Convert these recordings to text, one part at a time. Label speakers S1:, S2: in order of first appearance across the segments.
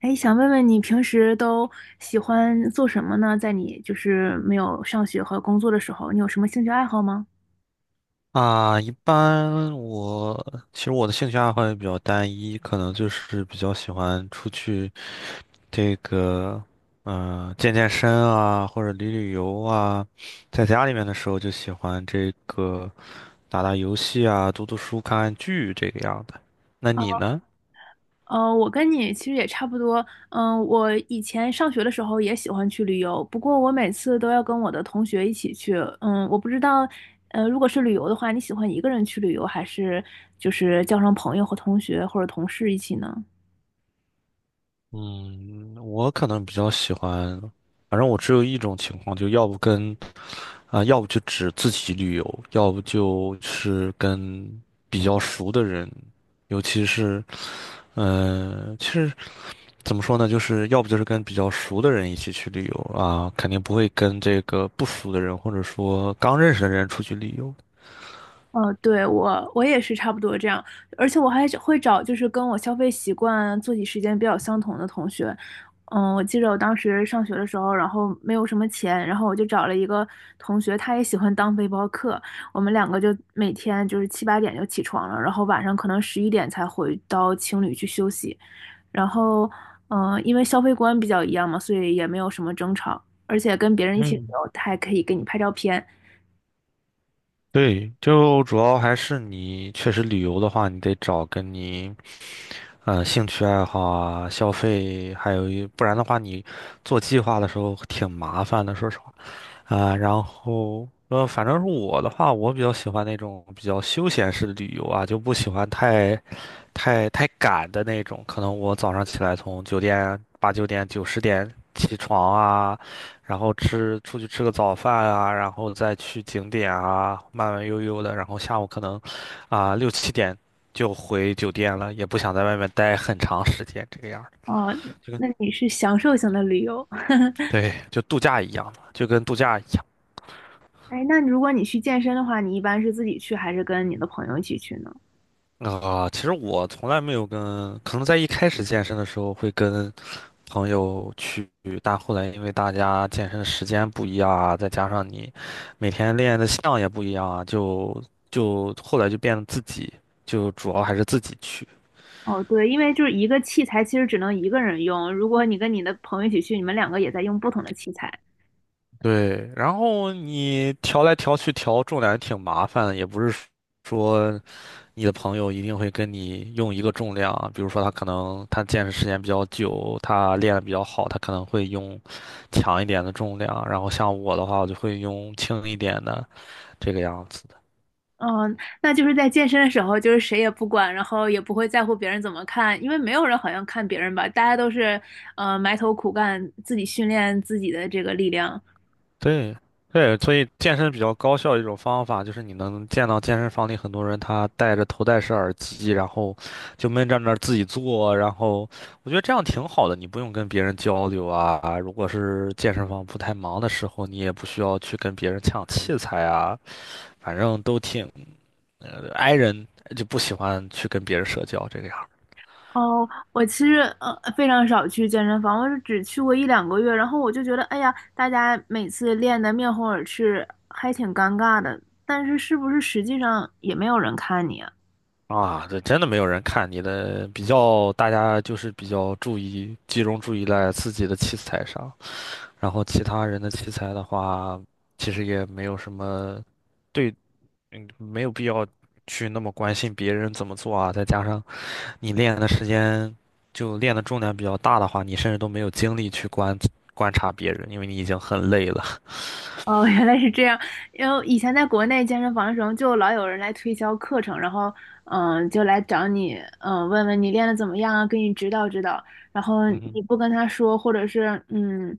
S1: 哎，想问问你平时都喜欢做什么呢？在你就是没有上学和工作的时候，你有什么兴趣爱好吗？
S2: 啊，一般我其实我的兴趣爱好也比较单一，可能就是比较喜欢出去这个，健身啊，或者旅游啊。在家里面的时候就喜欢这个打打游戏啊，读读书、看看剧这个样的。那你呢？
S1: 我跟你其实也差不多。我以前上学的时候也喜欢去旅游，不过我每次都要跟我的同学一起去。我不知道，如果是旅游的话，你喜欢一个人去旅游，还是就是叫上朋友和同学或者同事一起呢？
S2: 嗯，我可能比较喜欢，反正我只有一种情况，就要不跟啊，要不就只自己旅游，要不就是跟比较熟的人，尤其是，其实怎么说呢，就是要不就是跟比较熟的人一起去旅游啊，肯定不会跟这个不熟的人或者说刚认识的人出去旅游。
S1: 哦，对，我也是差不多这样，而且我还会找就是跟我消费习惯、作息时间比较相同的同学。我记得我当时上学的时候，然后没有什么钱，然后我就找了一个同学，他也喜欢当背包客，我们两个就每天就是七八点就起床了，然后晚上可能11点才回到青旅去休息。然后，因为消费观比较一样嘛，所以也没有什么争吵，而且跟别人一起旅
S2: 嗯
S1: 游，他还可以给你拍照片。
S2: 对，就主要还是你确实旅游的话，你得找跟你，兴趣爱好啊、消费，还有一，不然的话，你做计划的时候挺麻烦的，说实话。然后反正是我的话，我比较喜欢那种比较休闲式的旅游啊，就不喜欢太赶的那种。可能我早上起来从酒店八九点九十点起床啊，然后出去吃个早饭啊，然后再去景点啊，慢慢悠悠的，然后下午可能六七点就回酒店了，也不想在外面待很长时间这个样儿，
S1: 哦，
S2: 就跟
S1: 那你是享受型的旅游。
S2: 对，就度假一样嘛，就跟度假一样。
S1: 哎，那如果你去健身的话，你一般是自己去还是跟你的朋友一起去呢？
S2: 其实我从来没有跟，可能在一开始健身的时候会跟朋友去，但后来因为大家健身的时间不一样啊，再加上你每天练的项也不一样啊，就后来就变得自己，就主要还是自己去。
S1: 哦，对，因为就是一个器材其实只能一个人用，如果你跟你的朋友一起去，你们两个也在用不同的器材。
S2: 对，然后你调来调去调重量也挺麻烦的，也不是说。你的朋友一定会跟你用一个重量啊比如说他可能他健身时间比较久，他练得比较好，他可能会用强一点的重量，然后像我的话，我就会用轻一点的这个样子。
S1: 嗯，那就是在健身的时候，就是谁也不管，然后也不会在乎别人怎么看，因为没有人好像看别人吧，大家都是埋头苦干，自己训练自己的这个力量。
S2: 对，对，所以健身比较高效的一种方法就是你能见到健身房里很多人他戴着头戴式耳机，然后就闷在那儿自己做，然后我觉得这样挺好的，你不用跟别人交流啊。如果是健身房不太忙的时候，你也不需要去跟别人抢器材啊。反正都挺 i 人，就不喜欢去跟别人社交这个样儿
S1: 哦，我其实非常少去健身房，我是只去过一两个月，然后我就觉得，哎呀，大家每次练得面红耳赤，还挺尴尬的。但是是不是实际上也没有人看你啊？
S2: 啊。这真的没有人看你的，比较大家就是比较注意集中注意在自己的器材上，然后其他人的器材的话，其实也没有什么。对，没有必要去那么关心别人怎么做啊。再加上你练的时间就练的重量比较大的话，你甚至都没有精力去观察别人，因为你已经很累了。
S1: 哦，原来是这样。因为以前在国内健身房的时候，就老有人来推销课程，然后就来找你，问问你练的怎么样啊，给你指导指导。然后
S2: 嗯哼。
S1: 你不跟他说，或者是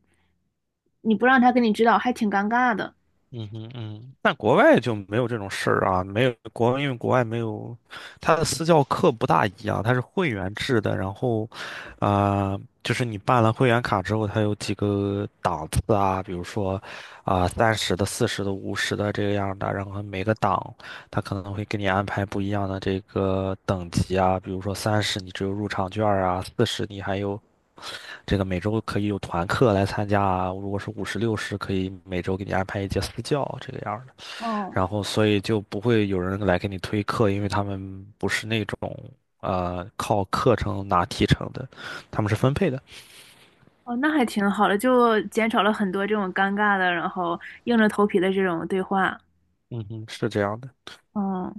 S1: 你不让他给你指导，还挺尴尬的。
S2: 嗯哼嗯，但国外就没有这种事儿啊，没有国，因为国外没有，它的私教课不大一样，它是会员制的，然后，就是你办了会员卡之后，它有几个档次啊，比如说，三十的、四十的、五十的这个样的，然后每个档它可能会给你安排不一样的这个等级啊，比如说三十你只有入场券儿啊，四十你还有。这个每周可以有团课来参加啊，如果是50、60，可以每周给你安排一节私教这个样儿的。
S1: 哦。
S2: 然后，所以就不会有人来给你推课，因为他们不是那种靠课程拿提成的，他们是分配的。
S1: 哦，那还挺好的，就减少了很多这种尴尬的，然后硬着头皮的这种对话。
S2: 嗯哼，是这样的。
S1: 嗯，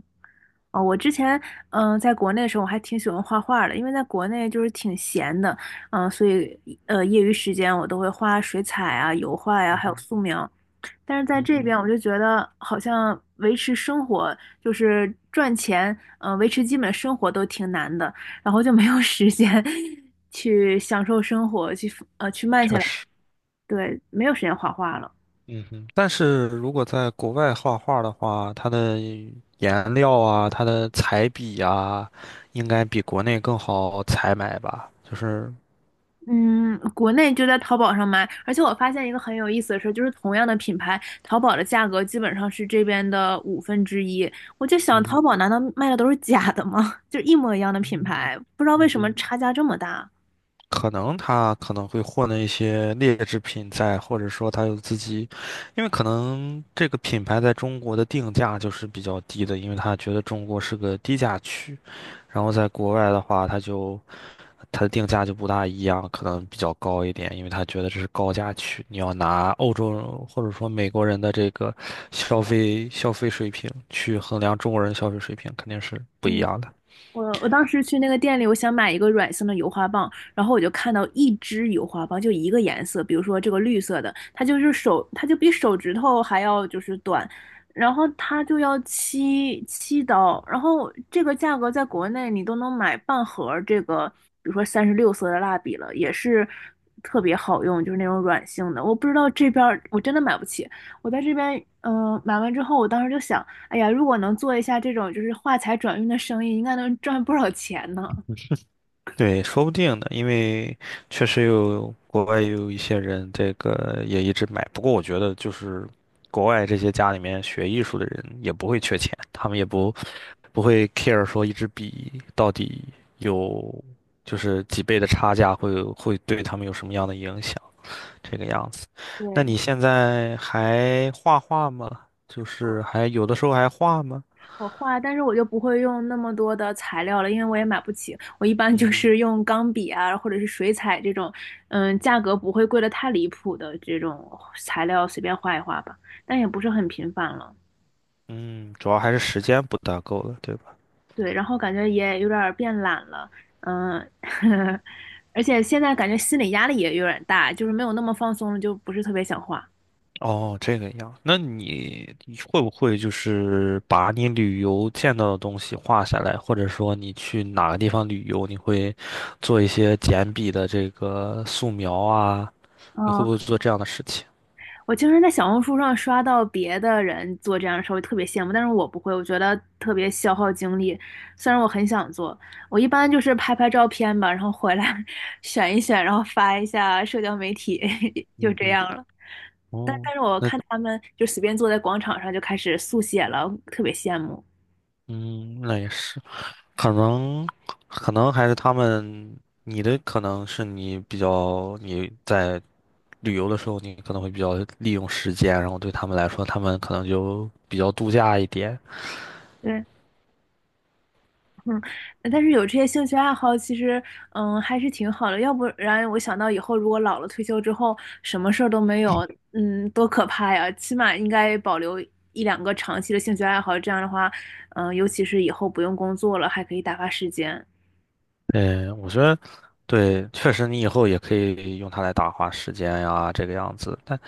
S1: 哦，我之前在国内的时候，我还挺喜欢画画的，因为在国内就是挺闲的，所以业余时间我都会画水彩啊、油画呀、
S2: 嗯
S1: 还有
S2: 哼，
S1: 素描。但是在
S2: 嗯
S1: 这
S2: 哼，
S1: 边，我就觉得好像维持生活，就是赚钱，维持基本生活都挺难的，然后就没有时间 去享受生活，去慢下
S2: 确
S1: 来。
S2: 实。
S1: 对，没有时间画画了。
S2: 嗯哼，但是如果在国外画画的话，它的颜料啊，它的彩笔啊，应该比国内更好采买吧？就是，
S1: 嗯，国内就在淘宝上买，而且我发现一个很有意思的事，就是同样的品牌，淘宝的价格基本上是这边的五分之一。我就想，
S2: 嗯
S1: 淘
S2: 哼
S1: 宝难道卖的都是假的吗？就一模一样的
S2: 嗯
S1: 品
S2: 哼，
S1: 牌，不知道为
S2: 嗯
S1: 什么
S2: 哼。
S1: 差价这么大。
S2: 可能他可能会混了一些劣质品在，或者说他有自己，因为可能这个品牌在中国的定价就是比较低的，因为他觉得中国是个低价区，然后在国外的话，他就他的定价就不大一样，可能比较高一点，因为他觉得这是高价区，你要拿欧洲人或者说美国人的这个消费水平去衡量中国人消费水平，肯定是不一
S1: 嗯，
S2: 样的。
S1: 我当时去那个店里，我想买一个软性的油画棒，然后我就看到一支油画棒，就一个颜色，比如说这个绿色的，它就比手指头还要就是短，然后它就要七刀，然后这个价格在国内你都能买半盒儿这个，比如说36色的蜡笔了，也是特别好用，就是那种软性的。我不知道这边儿我真的买不起，我在这边买完之后，我当时就想。哎呀，如果能做一下这种就是画材转运的生意，应该能赚不少钱呢。
S2: 对，说不定呢，因为确实有国外有一些人，这个也一直买。不过我觉得，就是国外这些家里面学艺术的人也不会缺钱，他们也不会 care 说一支笔到底有就是几倍的差价会对他们有什么样的影响，这个样子。那
S1: 对，
S2: 你现在还画画吗？就是
S1: 我
S2: 还有的时候还画吗？
S1: 我画，但是我就不会用那么多的材料了，因为我也买不起。我一般就
S2: 嗯
S1: 是用钢笔啊，或者是水彩这种，价格不会贵的太离谱的这种材料随便画一画吧，但也不是很频繁了。
S2: 嗯，主要还是时间不大够了，对吧？
S1: 对，然后感觉也有点儿变懒了，嗯，而且现在感觉心理压力也有点大，就是没有那么放松了，就不是特别想画。
S2: 哦，这个样。那你会不会就是把你旅游见到的东西画下来，或者说你去哪个地方旅游，你会做一些简笔的这个素描啊？你会
S1: 嗯，
S2: 不会做这样的事情？
S1: 我经常在小红书上刷到别的人做这样的事儿，我特别羡慕，但是我不会，我觉得特别消耗精力。虽然我很想做，我一般就是拍拍照片吧，然后回来 选一选，然后发一下社交媒体，就
S2: 嗯
S1: 这
S2: 哼，
S1: 样了。但
S2: 哦，
S1: 但是我
S2: 那
S1: 看他们就随便坐在广场上就开始速写了，特别羡慕。
S2: 嗯，那也是，可能可能还是他们，你的可能是你比较你在旅游的时候，你可能会比较利用时间，然后对他们来说，他们可能就比较度假一点。
S1: 对，嗯，但是有这些兴趣爱好，其实还是挺好的。要不然我想到以后如果老了退休之后，什么事儿都没有，多可怕呀！起码应该保留一两个长期的兴趣爱好，这样的话，尤其是以后不用工作了，还可以打发时间。
S2: 嗯，我觉得对，确实你以后也可以用它来打发时间呀，这个样子。但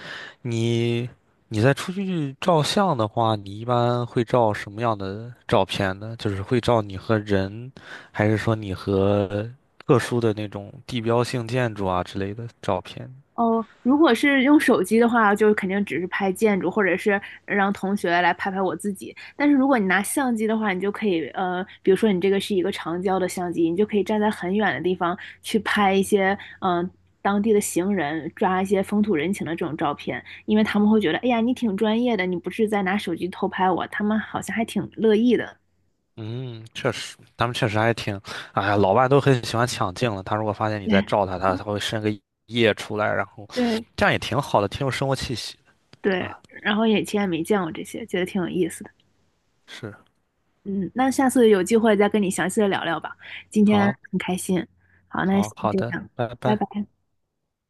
S2: 你你在出去照相的话，你一般会照什么样的照片呢？就是会照你和人，还是说你和特殊的那种地标性建筑啊之类的照片？
S1: 哦，如果是用手机的话，就肯定只是拍建筑，或者是让同学来拍拍我自己。但是如果你拿相机的话，你就可以，比如说你这个是一个长焦的相机，你就可以站在很远的地方去拍一些，当地的行人，抓一些风土人情的这种照片，因为他们会觉得，哎呀，你挺专业的，你不是在拿手机偷拍我，他们好像还挺乐意的。
S2: 嗯，确实，他们确实还挺，哎呀，老外都很喜欢抢镜了。他如果 发现你在
S1: 对
S2: 照他，他会伸个叶出来，然后
S1: 对
S2: 这样也挺好的，挺有生活气息的
S1: 对，
S2: 啊。
S1: 然后也以前也没见过这些，觉得挺有意思的。
S2: 是。
S1: 嗯，那下次有机会再跟你详细的聊聊吧。今天
S2: 好，
S1: 很开心，好，那
S2: 好，
S1: 先
S2: 好
S1: 这
S2: 的，
S1: 样，
S2: 拜
S1: 拜
S2: 拜。
S1: 拜。